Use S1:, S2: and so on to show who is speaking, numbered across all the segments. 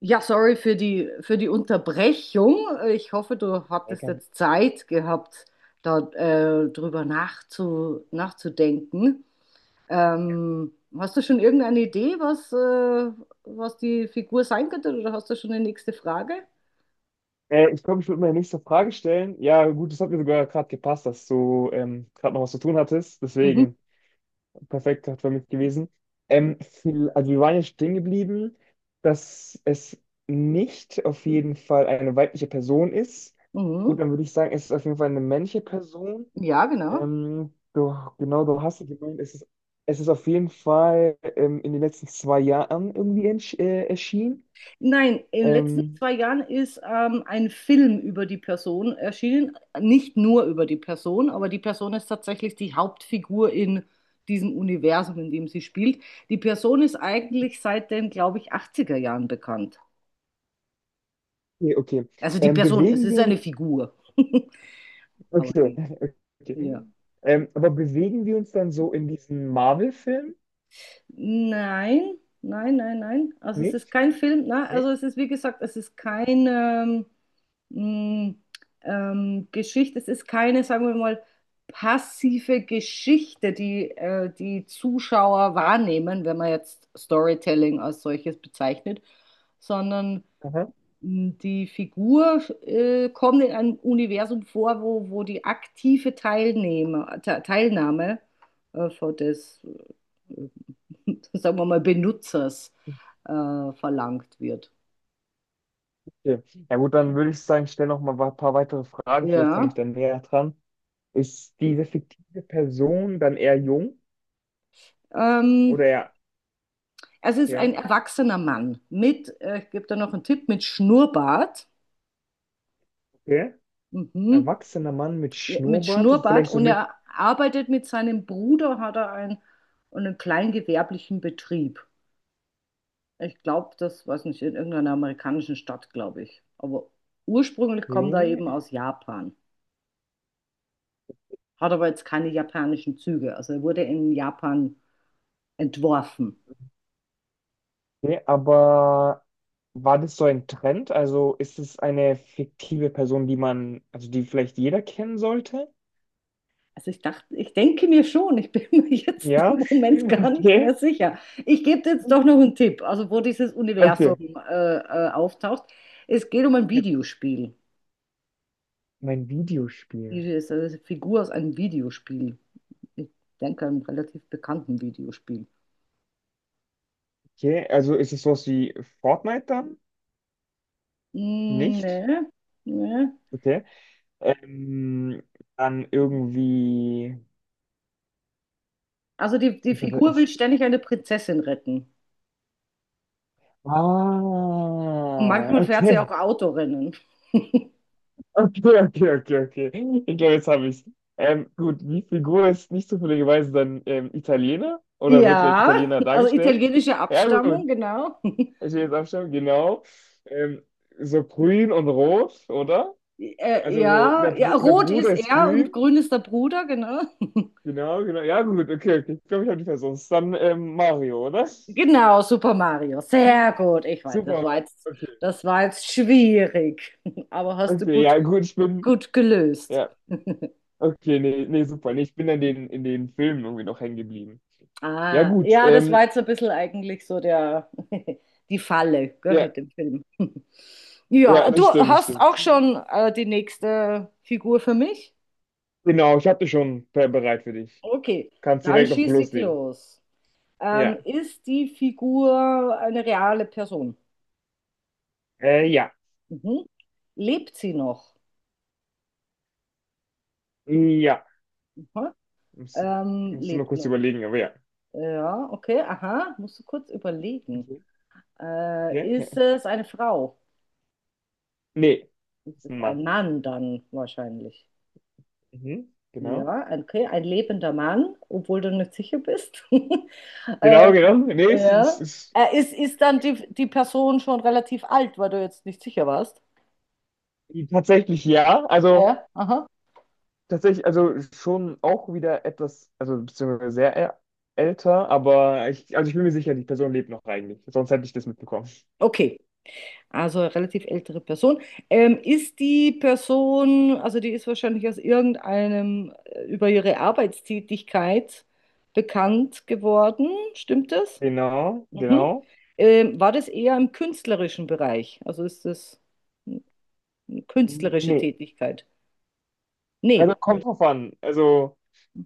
S1: Ja, sorry für die Unterbrechung. Ich hoffe, du
S2: Hey,
S1: hattest
S2: Cam.
S1: jetzt Zeit gehabt, da drüber nachzudenken. Ähm, Hast du schon irgendeine Idee, was die Figur sein könnte, oder hast du schon eine nächste Frage?
S2: Ich glaube, ich würde meine nächste Frage stellen. Ja, gut, das hat mir sogar gerade gepasst, dass du gerade noch was zu tun hattest.
S1: Mhm.
S2: Deswegen perfekt hat für mich gewesen. Viel, also wir waren ja stehen geblieben, dass es nicht auf jeden Fall eine weibliche Person ist. Gut,
S1: Mhm.
S2: dann würde ich sagen, es ist auf jeden Fall eine männliche Person.
S1: Ja, genau.
S2: Du, genau, du hast es gemeint, es ist auf jeden Fall in den letzten zwei Jahren irgendwie erschienen.
S1: Nein, in den letzten
S2: Ähm,
S1: 2 Jahren ist ein Film über die Person erschienen. Nicht nur über die Person, aber die Person ist tatsächlich die Hauptfigur in diesem Universum, in dem sie spielt. Die Person ist eigentlich seit den, glaube ich, achtziger Jahren bekannt.
S2: okay, okay.
S1: Also die Person, es
S2: Bewegen
S1: ist eine
S2: wir
S1: Figur. Aber
S2: okay,
S1: die,
S2: okay.
S1: ja.
S2: Aber bewegen wir uns dann so in diesen Marvel-Film?
S1: Nein, nein, nein, nein. Also es ist
S2: Nicht?
S1: kein Film. Ne?
S2: Nee?
S1: Also es ist, wie gesagt, es ist kein. Mh, Geschichte. Es ist keine, sagen wir mal, passive Geschichte, die Zuschauer wahrnehmen, wenn man jetzt Storytelling als solches bezeichnet, sondern
S2: Aha.
S1: die Figur kommt in einem Universum vor, wo die aktive Teilnehmer, Te Teilnahme von des, äh, sagen wir mal, Benutzers verlangt wird.
S2: Okay. Ja gut, dann würde ich sagen, stell noch mal ein paar weitere Fragen, vielleicht komme
S1: Ja,
S2: ich dann näher dran. Ist diese fiktive Person dann eher jung
S1: ähm,
S2: oder eher,
S1: also es ist ein
S2: ja,
S1: erwachsener Mann mit, ich gebe da noch einen Tipp, mit Schnurrbart.
S2: okay.
S1: Mhm.
S2: Erwachsener Mann mit
S1: Ja, mit
S2: Schnurrbart,
S1: Schnurrbart
S2: vielleicht so
S1: und
S2: mit,
S1: er arbeitet mit seinem Bruder, hat er einen kleingewerblichen Betrieb. Ich glaube, das weiß nicht, in irgendeiner amerikanischen Stadt, glaube ich. Aber ursprünglich kommt er eben
S2: okay.
S1: aus Japan, hat aber jetzt keine japanischen Züge. Also er wurde in Japan entworfen.
S2: Okay, aber war das so ein Trend? Also ist es eine fiktive Person, die man, also die vielleicht jeder kennen sollte?
S1: Also ich dachte, ich denke mir schon, ich bin mir jetzt
S2: Ja,
S1: im Moment gar nicht mehr
S2: okay.
S1: sicher. Ich gebe dir jetzt doch noch einen Tipp, also wo dieses Universum
S2: Okay.
S1: auftaucht. Es geht um ein
S2: Ja.
S1: Videospiel.
S2: Mein Videospiel.
S1: Diese ist eine Figur aus einem Videospiel. Ich denke, einem relativ bekannten Videospiel.
S2: Okay, also ist es sowas wie Fortnite dann?
S1: Hm,
S2: Nicht?
S1: nee, nee.
S2: Okay. Ähm, Dann irgendwie.
S1: Also die
S2: Was aber
S1: Figur will
S2: es.
S1: ständig eine Prinzessin retten. Und
S2: Ah,
S1: manchmal fährt sie
S2: okay.
S1: auch Autorennen.
S2: Okay, okay, okay, okay. Ich glaube, jetzt habe ich es. Gut, die Figur ist nicht zufälligerweise dann Italiener oder wird als
S1: Ja,
S2: Italiener
S1: also
S2: dargestellt?
S1: italienische
S2: Ja,
S1: Abstammung,
S2: gut.
S1: genau.
S2: Ich will jetzt abstimmen, genau. Ähm, so grün und rot, oder?
S1: Äh,
S2: Also so, der,
S1: ja, ja,
S2: Bru der
S1: rot
S2: Bruder
S1: ist
S2: ist
S1: er und
S2: grün.
S1: grün ist der Bruder, genau.
S2: Genau, genau. Ja, gut, okay, okay. Ich glaube, ich habe die Person. Ist dann Mario, oder?
S1: Genau, Super Mario. Sehr gut. Ich weiß, das
S2: Super,
S1: war jetzt,
S2: okay.
S1: das war jetzt schwierig, aber hast du
S2: Okay,
S1: gut,
S2: ja, gut, ich bin.
S1: gut gelöst.
S2: Ja, okay, nee, nee, super. Nee, ich bin in den Filmen irgendwie noch hängen geblieben. Ja,
S1: Ah,
S2: gut.
S1: ja, das war jetzt ein bisschen eigentlich so der, die Falle, gell,
S2: Ja,
S1: mit dem Film.
S2: ja,
S1: Ja, du
S2: das stimmt, das
S1: hast
S2: stimmt.
S1: auch schon die nächste Figur für mich?
S2: Genau, ich habe dich schon bereit für dich.
S1: Okay,
S2: Kannst
S1: dann
S2: direkt noch
S1: schieße ich
S2: loslegen.
S1: los.
S2: Ja.
S1: Ist die Figur eine reale Person?
S2: Ja.
S1: Mhm. Lebt sie noch?
S2: Ja.
S1: Aha. Ähm,
S2: Musst du nur
S1: lebt
S2: kurz
S1: noch.
S2: überlegen, aber ja.
S1: Ja, okay, aha, musst du kurz überlegen.
S2: Okay. Ja,
S1: Äh,
S2: ja.
S1: ist es eine Frau?
S2: Nee. Ist ein
S1: Ist
S2: Mann.
S1: ein Mann dann wahrscheinlich.
S2: Mhm. Genau.
S1: Ja, okay, ein lebender Mann, obwohl du nicht sicher bist. äh,
S2: Genau, genau. Nee,
S1: ja.
S2: ist
S1: Ist dann die Person schon relativ alt, weil du jetzt nicht sicher warst?
S2: tatsächlich ja. Also
S1: Ja, aha.
S2: tatsächlich, also schon auch wieder etwas, also beziehungsweise sehr älter, aber ich, also ich bin mir sicher, die Person lebt noch eigentlich. Sonst hätte ich das mitbekommen.
S1: Okay. Also relativ ältere Person. Ist die Person, also die ist wahrscheinlich aus irgendeinem, über ihre Arbeitstätigkeit bekannt geworden, stimmt das?
S2: Genau,
S1: Mhm.
S2: genau.
S1: War das eher im künstlerischen Bereich? Also ist das eine künstlerische
S2: Nee.
S1: Tätigkeit?
S2: Also
S1: Nee,
S2: kommt drauf an. Also,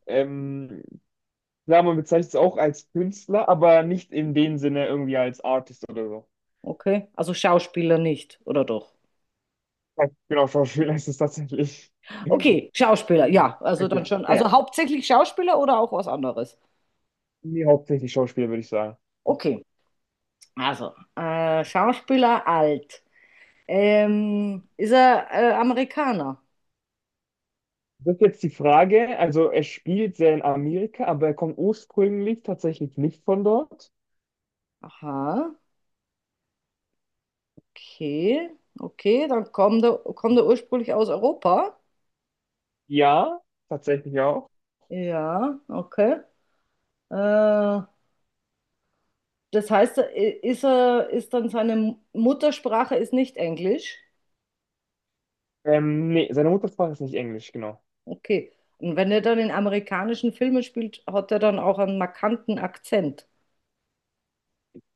S2: ähm, klar, man bezeichnet es auch als Künstler, aber nicht in dem Sinne irgendwie als Artist oder so.
S1: okay. Also Schauspieler nicht, oder doch?
S2: Ja, genau, Schauspieler ist es tatsächlich.
S1: Okay, Schauspieler, ja, also dann
S2: Okay,
S1: schon. Also
S2: ja.
S1: hauptsächlich Schauspieler oder auch was anderes?
S2: Nee, hauptsächlich Schauspieler, würde ich sagen.
S1: Okay, also Schauspieler alt. Ist er Amerikaner?
S2: Das ist jetzt die Frage. Also er spielt sehr in Amerika, aber er kommt ursprünglich tatsächlich nicht von dort.
S1: Aha, okay, okay, dann kommt er ursprünglich aus Europa.
S2: Ja, tatsächlich auch.
S1: Ja, okay. Äh, das heißt, ist dann seine Muttersprache ist nicht Englisch?
S2: Nee, seine Muttersprache ist nicht Englisch, genau.
S1: Okay. Und wenn er dann in amerikanischen Filmen spielt, hat er dann auch einen markanten Akzent.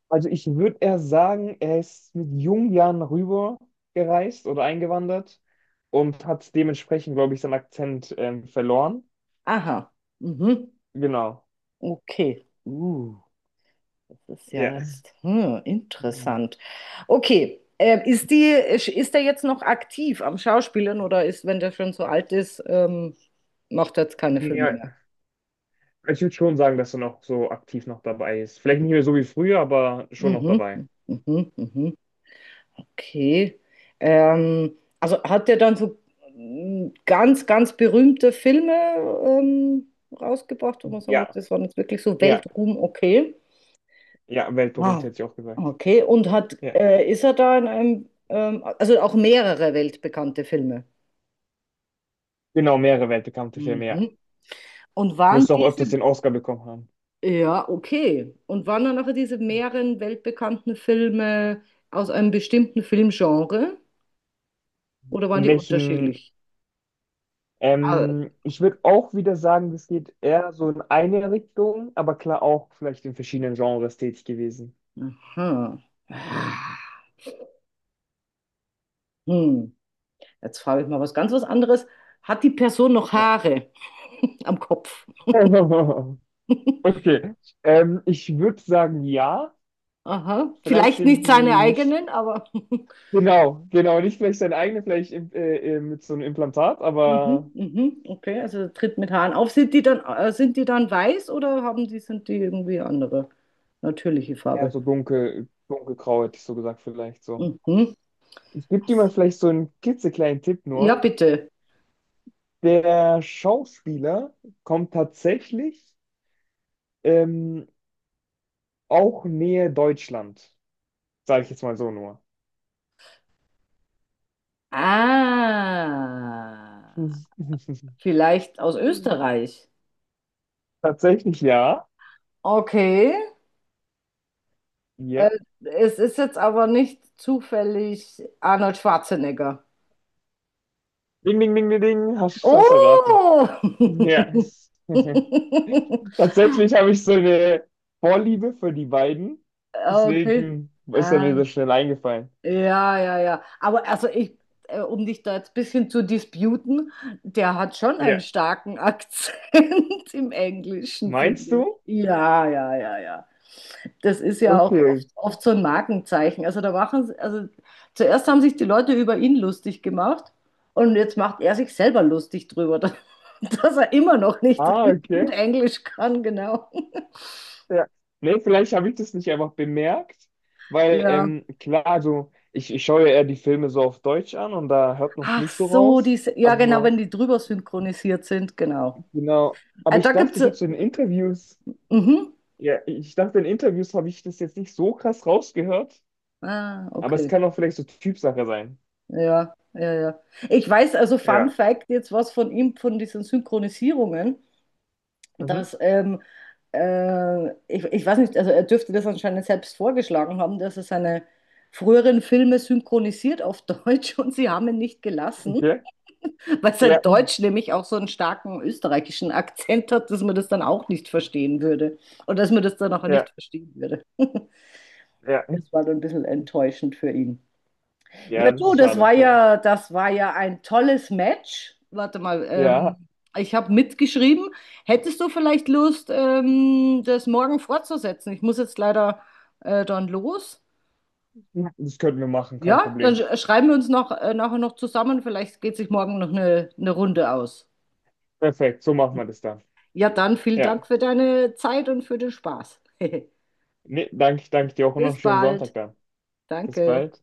S2: Also ich würde eher sagen, er ist mit jungen Jahren rüber gereist oder eingewandert und hat dementsprechend, glaube ich, seinen Akzent verloren.
S1: Aha, mhm,
S2: Genau.
S1: okay. Das ist
S2: Ja.
S1: ja jetzt interessant. Okay, ist der jetzt noch aktiv am Schauspielern oder ist, wenn der schon so alt ist, macht er jetzt keine Filme mehr?
S2: Ja, ich würde schon sagen, dass er noch so aktiv noch dabei ist. Vielleicht nicht mehr so wie früher, aber schon noch
S1: Mhm,
S2: dabei.
S1: mhm, mhm, mhm. Okay. Ähm, also hat der dann so ganz, ganz berühmte Filme ähm, rausgebracht, wo man sagen muss,
S2: Ja,
S1: das waren jetzt wirklich so
S2: ja,
S1: Weltruhm, okay.
S2: ja, weltberühmt
S1: Wow.
S2: hätte ich auch gesagt.
S1: Okay, und
S2: Ja,
S1: ist er da in also auch mehrere weltbekannte Filme?
S2: genau, mehrere weltbekannte Filme, ja.
S1: Mhm. Und waren
S2: Müsste auch öfters
S1: diese,
S2: den Oscar bekommen haben.
S1: ja, okay. Und waren dann nachher diese mehreren weltbekannten Filme aus einem bestimmten Filmgenre oder waren
S2: In
S1: die
S2: welchen,
S1: unterschiedlich? Ah,
S2: ich würde auch wieder sagen, das geht eher so in eine Richtung, aber klar auch vielleicht in verschiedenen Genres tätig gewesen.
S1: aha. Ah, hm. Jetzt frage ich mal was ganz was anderes. Hat die Person noch
S2: Ja.
S1: Haare am Kopf?
S2: Okay, ich würde sagen, ja.
S1: Aha.
S2: Vielleicht
S1: Vielleicht
S2: sind
S1: nicht seine
S2: die nicht,
S1: eigenen, aber
S2: genau, genau, nicht vielleicht seine eigene, vielleicht mit so einem Implantat,
S1: mhm,
S2: aber
S1: mhm. Okay, also tritt mit Haaren auf. Sind die dann weiß oder sind die irgendwie andere natürliche
S2: eher
S1: Farbe?
S2: so dunkel, dunkelgrau, hätte ich so gesagt, vielleicht so.
S1: Mhm.
S2: Ich gebe dir mal vielleicht so einen klitzekleinen Tipp
S1: Ja,
S2: nur.
S1: bitte.
S2: Der Schauspieler kommt tatsächlich ähm, auch nähe Deutschland, sage ich jetzt mal so nur.
S1: Ah, vielleicht aus Österreich.
S2: Tatsächlich ja.
S1: Okay. Äh,
S2: Ja.
S1: es ist jetzt aber nicht zufällig Arnold Schwarzenegger.
S2: Ding, ding, ding, ding, ding. Hast, hast erraten.
S1: Oh!
S2: Ja. Tatsächlich habe ich so eine Vorliebe für die beiden.
S1: Okay.
S2: Deswegen ist er mir
S1: Ah.
S2: so schnell eingefallen.
S1: Ja, ja, ja. Aber also ich, um dich da jetzt ein bisschen zu disputen, der hat schon einen
S2: Ja.
S1: starken Akzent im Englischen, finde
S2: Meinst
S1: ich.
S2: du?
S1: Ja, ja, ja, ja. Das ist ja auch
S2: Okay.
S1: oft so ein Markenzeichen. Also da machen sie, also zuerst haben sich die Leute über ihn lustig gemacht und jetzt macht er sich selber lustig drüber, dass er immer noch nicht
S2: Ah,
S1: gut
S2: okay.
S1: Englisch kann, genau.
S2: Ja. Nee, vielleicht habe ich das nicht einfach bemerkt, weil
S1: Ja.
S2: klar, so, ich schaue ja eher die Filme so auf Deutsch an und da hört man es
S1: Ach
S2: nicht so
S1: so,
S2: raus.
S1: diese, ja genau,
S2: Aber
S1: wenn die drüber synchronisiert sind, genau.
S2: genau, aber
S1: Ah, da
S2: ich dachte,
S1: gibt's.
S2: ich habe so in Interviews,
S1: Mhm.
S2: ja, ich dachte, in Interviews habe ich das jetzt nicht so krass rausgehört,
S1: Ah,
S2: aber es
S1: okay.
S2: kann auch vielleicht so Typsache sein.
S1: Ja, ja, ja. Ich weiß also, Fun
S2: Ja.
S1: Fact, jetzt was von ihm, von diesen Synchronisierungen,
S2: Mhm.
S1: dass, ich weiß nicht, also er dürfte das anscheinend selbst vorgeschlagen haben, dass er seine früheren Filme synchronisiert auf Deutsch und sie haben ihn nicht gelassen,
S2: Okay.
S1: weil sein
S2: Ja,
S1: Deutsch nämlich auch so einen starken österreichischen Akzent hat, dass man das dann auch nicht verstehen würde und dass man das dann auch nicht
S2: ja,
S1: verstehen würde.
S2: ja.
S1: Das war dann ein bisschen enttäuschend für ihn. Ja,
S2: Ja, das
S1: du,
S2: ist
S1: das
S2: schade.
S1: war
S2: Ja.
S1: ja, das war ja ein tolles Match. Warte mal, ich habe mitgeschrieben. Hättest du vielleicht Lust, das morgen fortzusetzen? Ich muss jetzt leider dann los.
S2: Ja, das könnten wir machen, kein
S1: Ja, dann
S2: Problem.
S1: schreiben wir uns noch, nachher noch zusammen. Vielleicht geht sich morgen noch eine Runde aus.
S2: Perfekt, so machen wir
S1: Hm.
S2: das dann.
S1: Ja, dann vielen
S2: Ja.
S1: Dank für deine Zeit und für den Spaß.
S2: Nee, danke, danke dir auch und noch einen
S1: Bis
S2: schönen
S1: bald.
S2: Sonntag dann. Bis
S1: Danke.
S2: bald.